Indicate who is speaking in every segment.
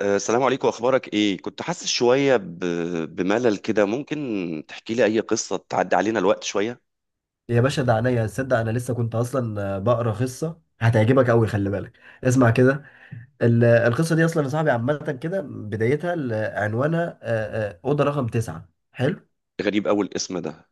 Speaker 1: السلام عليكم، اخبارك ايه؟ كنت حاسس شويه ب... بملل كده. ممكن تحكي لي اي قصه تعدي علينا الوقت شويه.
Speaker 2: يا باشا ده عينيا تصدق. انا لسه كنت اصلا بقرا قصه هتعجبك قوي، خلي بالك اسمع كده. القصه دي اصلا يا صاحبي عامه كده، بدايتها عنوانها اوضه رقم تسعة. حلو.
Speaker 1: غريب اول اسم ده.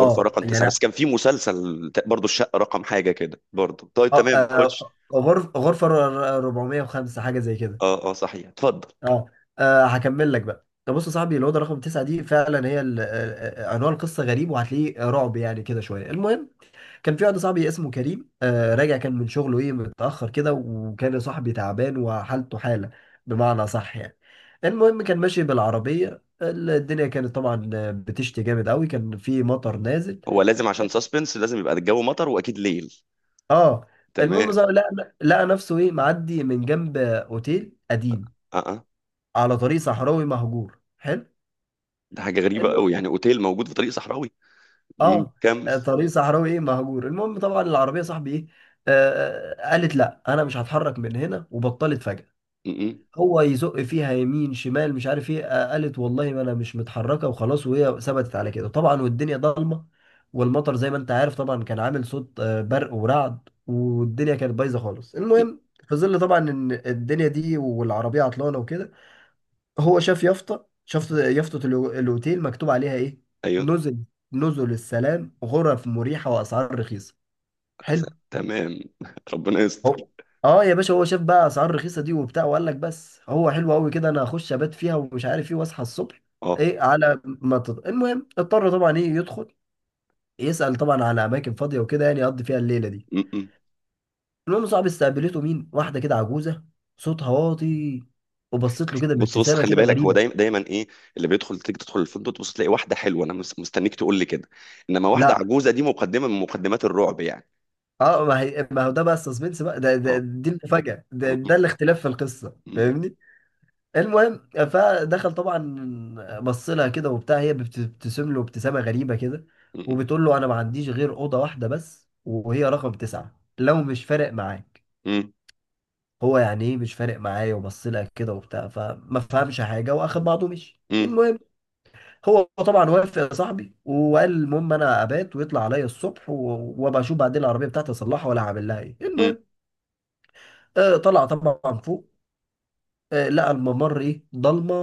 Speaker 1: غرفه رقم تسعة، بس
Speaker 2: يعني.
Speaker 1: كان في مسلسل برضو الشقه رقم حاجه كده برضو. طيب تمام، خش.
Speaker 2: غرفه 405، حاجه زي كده.
Speaker 1: اه اه، صحيح، اتفضل.
Speaker 2: اه هكمل لك بقى. طب بص يا صاحبي، الاوضه رقم تسعة دي فعلا هي عنوان القصه غريب، وهتلاقيه رعب يعني كده شويه. المهم كان في واحد صاحبي اسمه كريم، راجع كان من شغله ايه متأخر كده، وكان يا صاحبي تعبان وحالته حالة، بمعنى صح يعني. المهم كان ماشي بالعربية، الدنيا كانت طبعا بتشتي جامد قوي، كان في مطر نازل.
Speaker 1: هو لازم عشان ساسبنس لازم يبقى الجو مطر واكيد ليل.
Speaker 2: اه المهم
Speaker 1: تمام.
Speaker 2: صار لقى نفسه ايه معدي من جنب اوتيل قديم
Speaker 1: اه اه،
Speaker 2: على طريق صحراوي مهجور. حلو.
Speaker 1: ده حاجه غريبه
Speaker 2: المهم
Speaker 1: قوي يعني اوتيل موجود في طريق صحراوي.
Speaker 2: اه
Speaker 1: كمل.
Speaker 2: طريق صحراوي ايه مهجور، المهم طبعا العربيه صاحبي ايه قالت لا، انا مش هتحرك من هنا، وبطلت فجأة.
Speaker 1: م -م.
Speaker 2: هو يزق فيها يمين شمال، مش عارف ايه، قالت والله ما انا مش متحركه وخلاص، وهي ثبتت على كده. طبعا والدنيا ضلمه، والمطر زي ما انت عارف طبعا، كان عامل صوت برق ورعد، والدنيا كانت بايظه خالص.
Speaker 1: م،
Speaker 2: المهم، في ظل طبعا ان الدنيا دي والعربيه عطلانه وكده، هو شاف يافطه الاوتيل مكتوب عليها ايه؟
Speaker 1: ايوه.
Speaker 2: نزل نزل السلام، غرف مريحه واسعار رخيصه. حلو.
Speaker 1: تمام ربنا يستر.
Speaker 2: هو اه يا باشا، هو شاف بقى اسعار رخيصه دي وبتاع، وقال لك بس هو حلو قوي كده، انا هخش ابات فيها ومش عارف ايه، واصحى الصبح.
Speaker 1: اه.
Speaker 2: ايه على ما تط... المهم اضطر طبعا يدخل يسال طبعا على اماكن فاضيه وكده، يعني يقضي فيها الليله دي.
Speaker 1: م -م.
Speaker 2: المهم صاحبي استقبلته مين؟ واحده كده عجوزه، صوتها واطي، وبصيت له كده
Speaker 1: بص بص،
Speaker 2: بابتسامه
Speaker 1: خلي
Speaker 2: كده
Speaker 1: بالك، هو
Speaker 2: غريبه.
Speaker 1: دايما ايه اللي بيدخل تيجي تدخل الفندق تبص تلاقي واحده حلوه، انا مستنيك تقول لي كده. انما واحده
Speaker 2: لا،
Speaker 1: عجوزه دي مقدمه من مقدمات الرعب يعني.
Speaker 2: اه، ما هي ما هو ده بقى السسبنس بقى، ده
Speaker 1: اه.
Speaker 2: دي المفاجاه، ده الاختلاف في القصه، فاهمني. المهم فدخل طبعا، بص لها كده وبتاع، هي بتبتسم له ابتسامه غريبه كده، وبتقول له انا ما عنديش غير اوضه واحده بس، وهي رقم تسعه لو مش فارق معاك. هو يعني ايه مش فارق معايا، وبص لها كده وبتاع فما فهمش حاجه، واخد بعضه ومشي. المهم هو طبعا وافق يا صاحبي، وقال المهم انا ابات ويطلع عليا الصبح، وابقى اشوف بعدين العربيه بتاعتي، اصلحها ولا هعمل لها ايه. المهم طلع طبعا فوق، لقى الممر ايه ضلمه،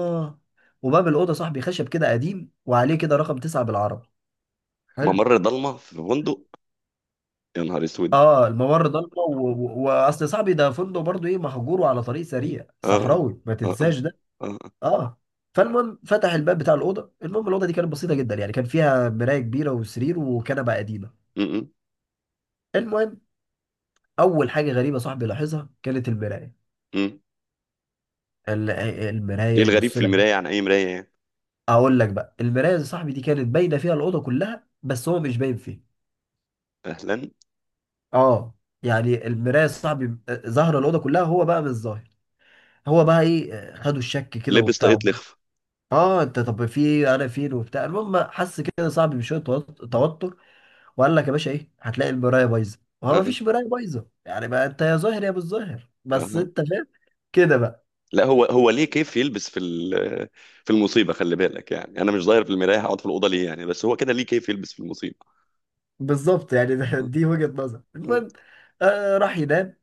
Speaker 2: وباب الاوضه صاحبي خشب كده قديم، وعليه كده رقم تسعة بالعربي. حلو.
Speaker 1: ممر ضلمه في فندق! يا نهار اسود!
Speaker 2: اه الممر ضلمه، واصل صاحبي ده فندق برضو ايه مهجور وعلى طريق سريع
Speaker 1: اه
Speaker 2: صحراوي، ما
Speaker 1: اه. اه
Speaker 2: تنساش ده.
Speaker 1: اه.
Speaker 2: اه فالمهم فتح الباب بتاع الاوضه. المهم الاوضه دي كانت بسيطه جدا يعني، كان فيها مرايه كبيره وسرير وكنبه قديمه.
Speaker 1: م- م-
Speaker 2: المهم اول حاجه غريبه صاحبي لاحظها كانت المرايه.
Speaker 1: م. ايه
Speaker 2: المرايه
Speaker 1: الغريب
Speaker 2: يبص
Speaker 1: في
Speaker 2: لها.
Speaker 1: المرايه عن اي مرايه يعني؟
Speaker 2: اقول لك بقى، المرايه يا صاحبي دي كانت باينه فيها الاوضه كلها، بس هو مش باين فيها.
Speaker 1: اهلا.
Speaker 2: اه يعني المرايه صاحبي ظاهره الاوضه كلها، هو بقى مش ظاهر. هو بقى ايه خدوا الشك كده
Speaker 1: لبس طاقية
Speaker 2: وبتاع.
Speaker 1: لخف.
Speaker 2: اه انت طب في إيه؟ انا فين وبتاع. المهم حس كده صاحبي بشويه توتر، وقال لك يا باشا ايه، هتلاقي المرايه بايظه، وهو
Speaker 1: اه
Speaker 2: ما
Speaker 1: اه.
Speaker 2: فيش مرايه بايظه، يعني بقى انت يا ظاهر يا مش ظاهر،
Speaker 1: آه.
Speaker 2: بس
Speaker 1: آه.
Speaker 2: انت فاهم كده بقى.
Speaker 1: لا هو هو ليه كيف يلبس في في المصيبه؟ خلي بالك يعني انا مش ظاهر في المرايه هقعد في الاوضه ليه يعني؟ بس هو كده ليه كيف يلبس في المصيبه؟
Speaker 2: بالظبط يعني. دي وجهه نظر.
Speaker 1: مم.
Speaker 2: المهم راح ينام.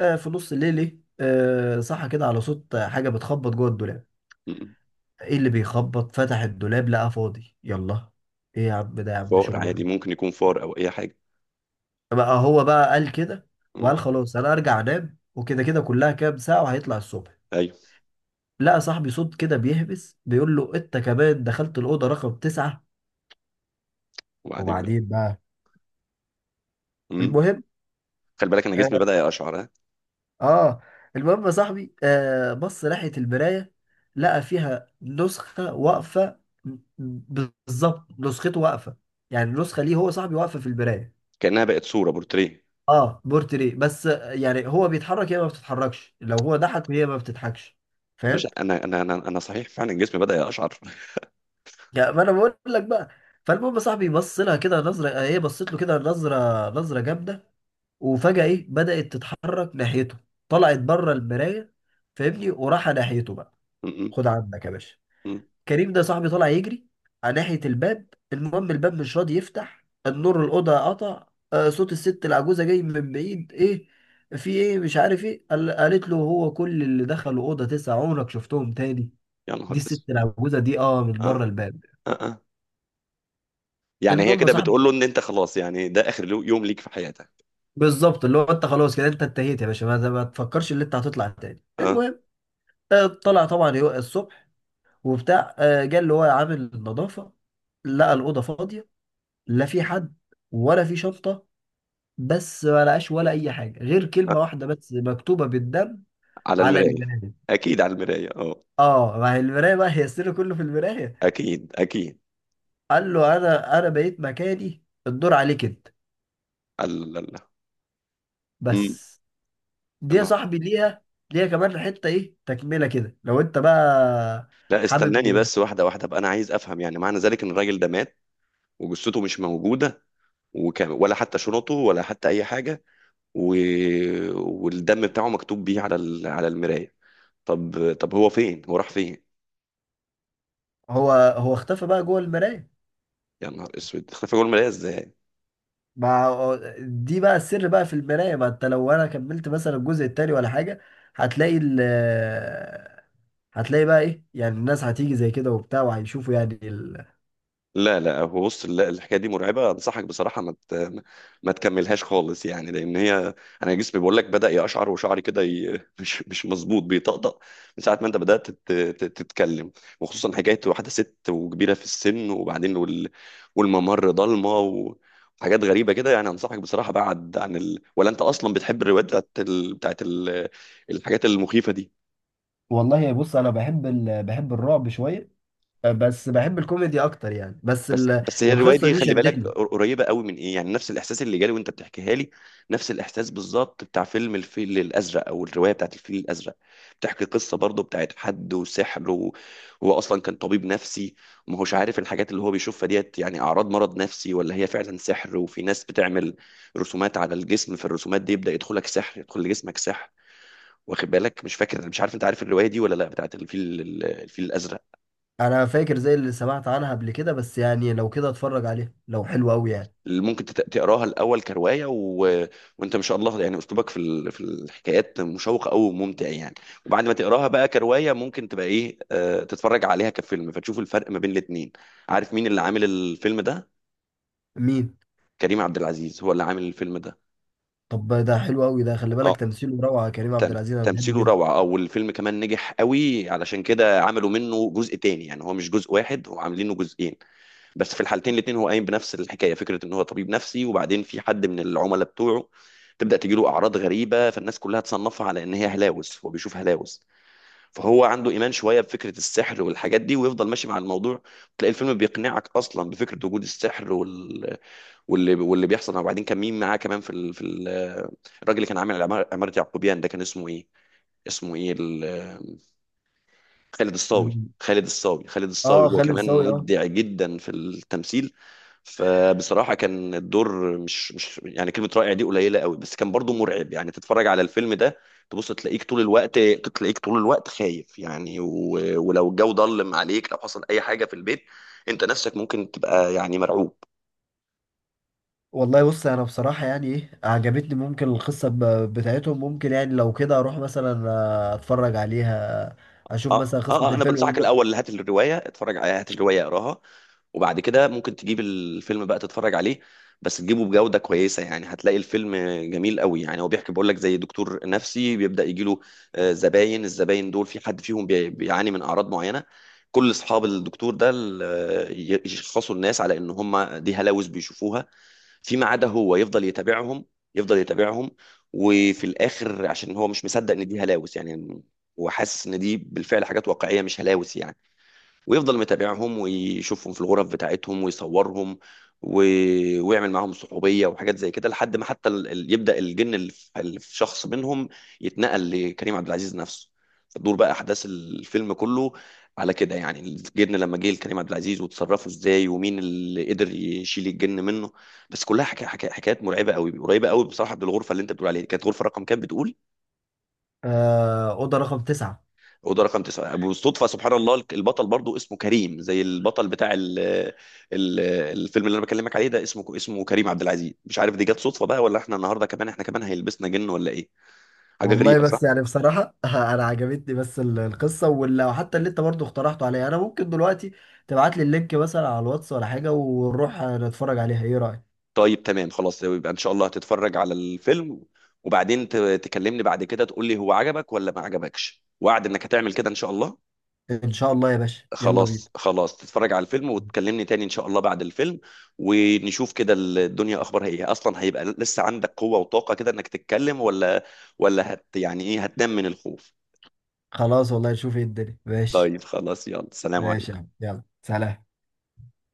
Speaker 2: في نص الليل ايه، صحى كده على صوت حاجه بتخبط جوه الدولاب.
Speaker 1: مم.
Speaker 2: ايه اللي بيخبط؟ فتح الدولاب، لقى فاضي. يلا، ايه يا عم ده، يا عم
Speaker 1: فار
Speaker 2: شغل
Speaker 1: عادي، ممكن يكون فار او اي حاجه.
Speaker 2: بقى هو بقى قال كده،
Speaker 1: مم.
Speaker 2: وقال خلاص انا ارجع انام وكده، كده كلها كام ساعة وهيطلع الصبح.
Speaker 1: ايوه.
Speaker 2: لقى صاحبي صوت كده بيهبس بيقول له انت كمان دخلت الأوضة رقم تسعة؟
Speaker 1: وبعدين بقى؟
Speaker 2: وبعدين بقى
Speaker 1: مم.
Speaker 2: المهم
Speaker 1: خلي بالك انا جسمي
Speaker 2: اه,
Speaker 1: بدا يقشعر ها.
Speaker 2: آه المهم يا صاحبي، بص ناحية المراية، لقى فيها نسخة واقفة، بالظبط نسخته واقفة. يعني النسخة ليه هو صاحبي واقفة في المراية.
Speaker 1: كانها بقت صوره بورتريه.
Speaker 2: اه بورتري، بس يعني هو بيتحرك هي ما بتتحركش، لو هو ضحك هي ما بتضحكش،
Speaker 1: باشا
Speaker 2: فاهم؟
Speaker 1: انا صحيح فعلا جسمي بدا يقشعر
Speaker 2: يعني ما انا بقول لك بقى. فالمهم يا صاحبي بص لها كده نظره، هي بصت له كده نظره، نظره جامده، وفجاه ايه بدات تتحرك ناحيته، طلعت بره المرايه، فاهمني، وراح ناحيته بقى.
Speaker 1: مم.
Speaker 2: خد عندك يا باشا،
Speaker 1: مم.
Speaker 2: كريم ده صاحبي طالع يجري على ناحية الباب. المهم الباب مش راضي يفتح، النور الأوضة قطع، صوت الست العجوزة جاي من بعيد ايه، في ايه مش عارف ايه، قالت له هو كل اللي دخلوا أوضة تسعة عمرك شفتهم تاني؟
Speaker 1: يا نهار
Speaker 2: دي الست
Speaker 1: اسود!
Speaker 2: العجوزة دي، من
Speaker 1: اه
Speaker 2: بره الباب.
Speaker 1: اه. اه. يعني هي
Speaker 2: المهم يا
Speaker 1: كده
Speaker 2: صاحبي،
Speaker 1: بتقول له ان انت خلاص يعني ده اخر يوم ليك في حياتك.
Speaker 2: بالظبط اللي هو انت خلاص كده، انت انتهيت يا باشا، ما تفكرش اللي انت هتطلع تاني.
Speaker 1: اه.
Speaker 2: المهم طلع طبعا الصبح وبتاع، جه اللي هو عامل النظافة، لقى الأوضة فاضية، لا في حد ولا في شنطة، بس ما لقاش ولا اي حاجه غير كلمه
Speaker 1: آه.
Speaker 2: واحده بس مكتوبه بالدم
Speaker 1: على
Speaker 2: على
Speaker 1: المرايه.
Speaker 2: المرايه.
Speaker 1: اكيد على المرايه، اه.
Speaker 2: اه ما هي المرايه بقى، هي السر كله في المرايه.
Speaker 1: اكيد اكيد.
Speaker 2: قال له انا بقيت مكاني، الدور عليك انت.
Speaker 1: الله الله. مم.
Speaker 2: بس دي
Speaker 1: يا
Speaker 2: يا
Speaker 1: نهار.
Speaker 2: صاحبي، ليها كمان حته ايه تكمله كده، لو انت بقى
Speaker 1: لا
Speaker 2: حابب.
Speaker 1: استناني بس، واحده واحده بقى، انا عايز افهم. يعني معنى ذلك ان الراجل ده مات، وجثته مش موجوده، وكام ولا حتى شنطه ولا حتى اي حاجه، و... والدم بتاعه مكتوب بيه على ال... على المرايه. طب طب، هو فين؟ هو راح فين؟
Speaker 2: هو اختفى بقى جوه المرايه.
Speaker 1: يا نهار اسود اختفى جوه المرايه ازاي؟
Speaker 2: ما دي بقى السر بقى في المرايه، ما انت لو انا كملت مثلا الجزء التاني ولا حاجه، هتلاقي ال هتلاقي بقى ايه، يعني الناس هتيجي زي كده وبتاع، وهيشوفوا يعني
Speaker 1: لا لا، هو بص، لا الحكايه دي مرعبه، انصحك بصراحه ما تكملهاش خالص يعني، لان هي، انا جسمي بيقول لك بدا يقشعر وشعري كده ي... مش مش مظبوط بيطقطق من ساعه ما انت بدات تتكلم. وخصوصا حكايه واحده ست وكبيره في السن وبعدين وال... والممر ضلمه و... وحاجات غريبه كده يعني. انصحك بصراحه بعد عن ال... ولا انت اصلا بتحب الروايات بتاعت ال... بتاعت ال... الحاجات المخيفه دي؟
Speaker 2: والله بص، انا بحب الرعب شويه، بس بحب الكوميدي اكتر، يعني بس
Speaker 1: بس بس هي الروايه
Speaker 2: القصه
Speaker 1: دي
Speaker 2: دي
Speaker 1: خلي بالك
Speaker 2: شدتني.
Speaker 1: قريبه قوي من ايه يعني نفس الاحساس اللي جالي وانت بتحكيها لي. نفس الاحساس بالظبط بتاع فيلم الفيل الازرق، او الروايه بتاعت الفيل الازرق. بتحكي قصه برضه بتاعت حد وسحر، وهو اصلا كان طبيب نفسي، وما هوش عارف الحاجات اللي هو بيشوفها ديت يعني اعراض مرض نفسي ولا هي فعلا سحر. وفي ناس بتعمل رسومات على الجسم، في الرسومات دي يبدا يدخلك سحر، يدخل لجسمك سحر. واخد بالك؟ مش فاكر مش عارف انت عارف الروايه دي ولا لا، بتاعت الفيل، الفيل الازرق.
Speaker 2: انا فاكر زي اللي سمعت عنها قبل كده، بس يعني لو كده اتفرج عليها، لو حلو قوي يعني.
Speaker 1: اللي ممكن تقراها الاول كروايه و... وانت ما شاء الله يعني اسلوبك في ال... في الحكايات مشوق قوي وممتع يعني. وبعد ما تقراها بقى كروايه ممكن تبقى ايه تتفرج عليها كفيلم، فتشوف الفرق ما بين الاتنين. عارف مين اللي عامل الفيلم ده؟
Speaker 2: مين؟
Speaker 1: كريم عبد العزيز هو اللي عامل الفيلم ده.
Speaker 2: طب ده حلو قوي، ده خلي
Speaker 1: اه.
Speaker 2: بالك تمثيله روعه، كريم عبد
Speaker 1: تم...
Speaker 2: العزيز انا بحبه
Speaker 1: تمثيله
Speaker 2: جدا.
Speaker 1: روعه، او الفيلم كمان نجح قوي، علشان كده عملوا منه جزء تاني. يعني هو مش جزء واحد، هو عاملينه جزئين. بس في الحالتين الاتنين هو قايم بنفس الحكايه. فكره ان هو طبيب نفسي، وبعدين في حد من العملاء بتوعه تبدا تجيله اعراض غريبه، فالناس كلها تصنفها على ان هي هلاوس، هو بيشوف هلاوس. فهو عنده ايمان شويه بفكره السحر والحاجات دي، ويفضل ماشي مع الموضوع. تلاقي الفيلم بيقنعك اصلا بفكره وجود السحر وال... واللي واللي بيحصل. وبعدين كان مين معاه كمان في ال... في ال... الراجل اللي كان عامل عمارة عمارة يعقوبيان ده، كان اسمه ايه؟ اسمه ايه ال... خالد الصاوي.
Speaker 2: مم.
Speaker 1: خالد الصاوي، خالد الصاوي،
Speaker 2: اه،
Speaker 1: هو
Speaker 2: خالد
Speaker 1: كمان
Speaker 2: صاوي، اه.
Speaker 1: مبدع جدا في التمثيل. فبصراحة كان الدور مش مش يعني، كلمة رائع دي قليلة قوي، بس كان برضو مرعب يعني. تتفرج على الفيلم ده تبص تلاقيك طول الوقت، تلاقيك طول الوقت خايف يعني و... ولو الجو ضلم عليك، لو حصل أي حاجة في البيت، أنت نفسك ممكن تبقى يعني مرعوب.
Speaker 2: والله بص انا بصراحه يعني ايه عجبتني ممكن القصه بتاعتهم، ممكن يعني لو كده اروح مثلا اتفرج عليها، اشوف
Speaker 1: اه
Speaker 2: مثلا قصه
Speaker 1: اه. انا
Speaker 2: الفيلم
Speaker 1: بنصحك الاول هات الروايه اتفرج عليها، هات الروايه اقراها، وبعد كده ممكن تجيب الفيلم بقى تتفرج عليه. بس تجيبه بجوده كويسه. يعني هتلاقي الفيلم جميل قوي. يعني هو بيحكي، بقول لك، زي دكتور نفسي بيبدا يجي له زباين، الزباين دول في حد فيهم بيعاني من اعراض معينه. كل اصحاب الدكتور ده يشخصوا الناس على ان هم دي هلاوس بيشوفوها، فيما عدا هو يفضل يتابعهم، يفضل يتابعهم. وفي الاخر عشان هو مش مصدق ان دي هلاوس يعني، هو حاسس ان دي بالفعل حاجات واقعيه مش هلاوس يعني. ويفضل متابعهم ويشوفهم في الغرف بتاعتهم ويصورهم و... ويعمل معاهم صحوبية وحاجات زي كده، لحد ما حتى ال... يبدأ الجن اللي في اللي في شخص منهم يتنقل لكريم عبد العزيز نفسه. فتدور بقى أحداث الفيلم كله على كده، يعني الجن لما جه لكريم عبد العزيز وتصرفوا ازاي، ومين اللي قدر يشيل الجن منه. بس كلها حكايات مرعبة قوي، قريبة قوي بصراحة بالغرفة اللي انت بتقول عليها. كانت غرفة رقم كام بتقول؟
Speaker 2: اوضه رقم تسعة.
Speaker 1: اوضه رقم تسعه. بالصدفه سبحان الله، البطل برضو اسمه كريم، زي البطل بتاع ال، ال، الفيلم اللي انا بكلمك عليه ده اسمه اسمه كريم عبد العزيز. مش عارف دي جت صدفه بقى، ولا احنا النهارده كمان، احنا كمان هيلبسنا جن ولا ايه؟ حاجه
Speaker 2: والله
Speaker 1: غريبه،
Speaker 2: بس
Speaker 1: صح؟
Speaker 2: يعني بصراحه انا عجبتني بس القصه واللي حتى اللي انت برضو اقترحته عليا. انا ممكن دلوقتي تبعت لي اللينك مثلا على الواتس ولا حاجه، ونروح نتفرج عليها، ايه رايك؟
Speaker 1: طيب تمام خلاص، يبقى ان شاء الله هتتفرج على الفيلم، وبعدين تكلمني بعد كده تقول لي هو عجبك ولا ما عجبكش. وعد انك هتعمل كده ان شاء الله.
Speaker 2: ان شاء الله يا باشا، يلا بينا.
Speaker 1: خلاص خلاص، تتفرج على الفيلم وتكلمني تاني ان شاء الله بعد الفيلم. ونشوف كده الدنيا اخبارها ايه، اصلا هيبقى لسه عندك قوة وطاقة كده انك تتكلم، ولا ولا هت يعني ايه، هتنام من الخوف؟
Speaker 2: خلاص والله، نشوف ايه الدنيا، ماشي.
Speaker 1: طيب خلاص، يلا، سلام
Speaker 2: ماشي يا
Speaker 1: عليكم.
Speaker 2: عم، يلا سلام.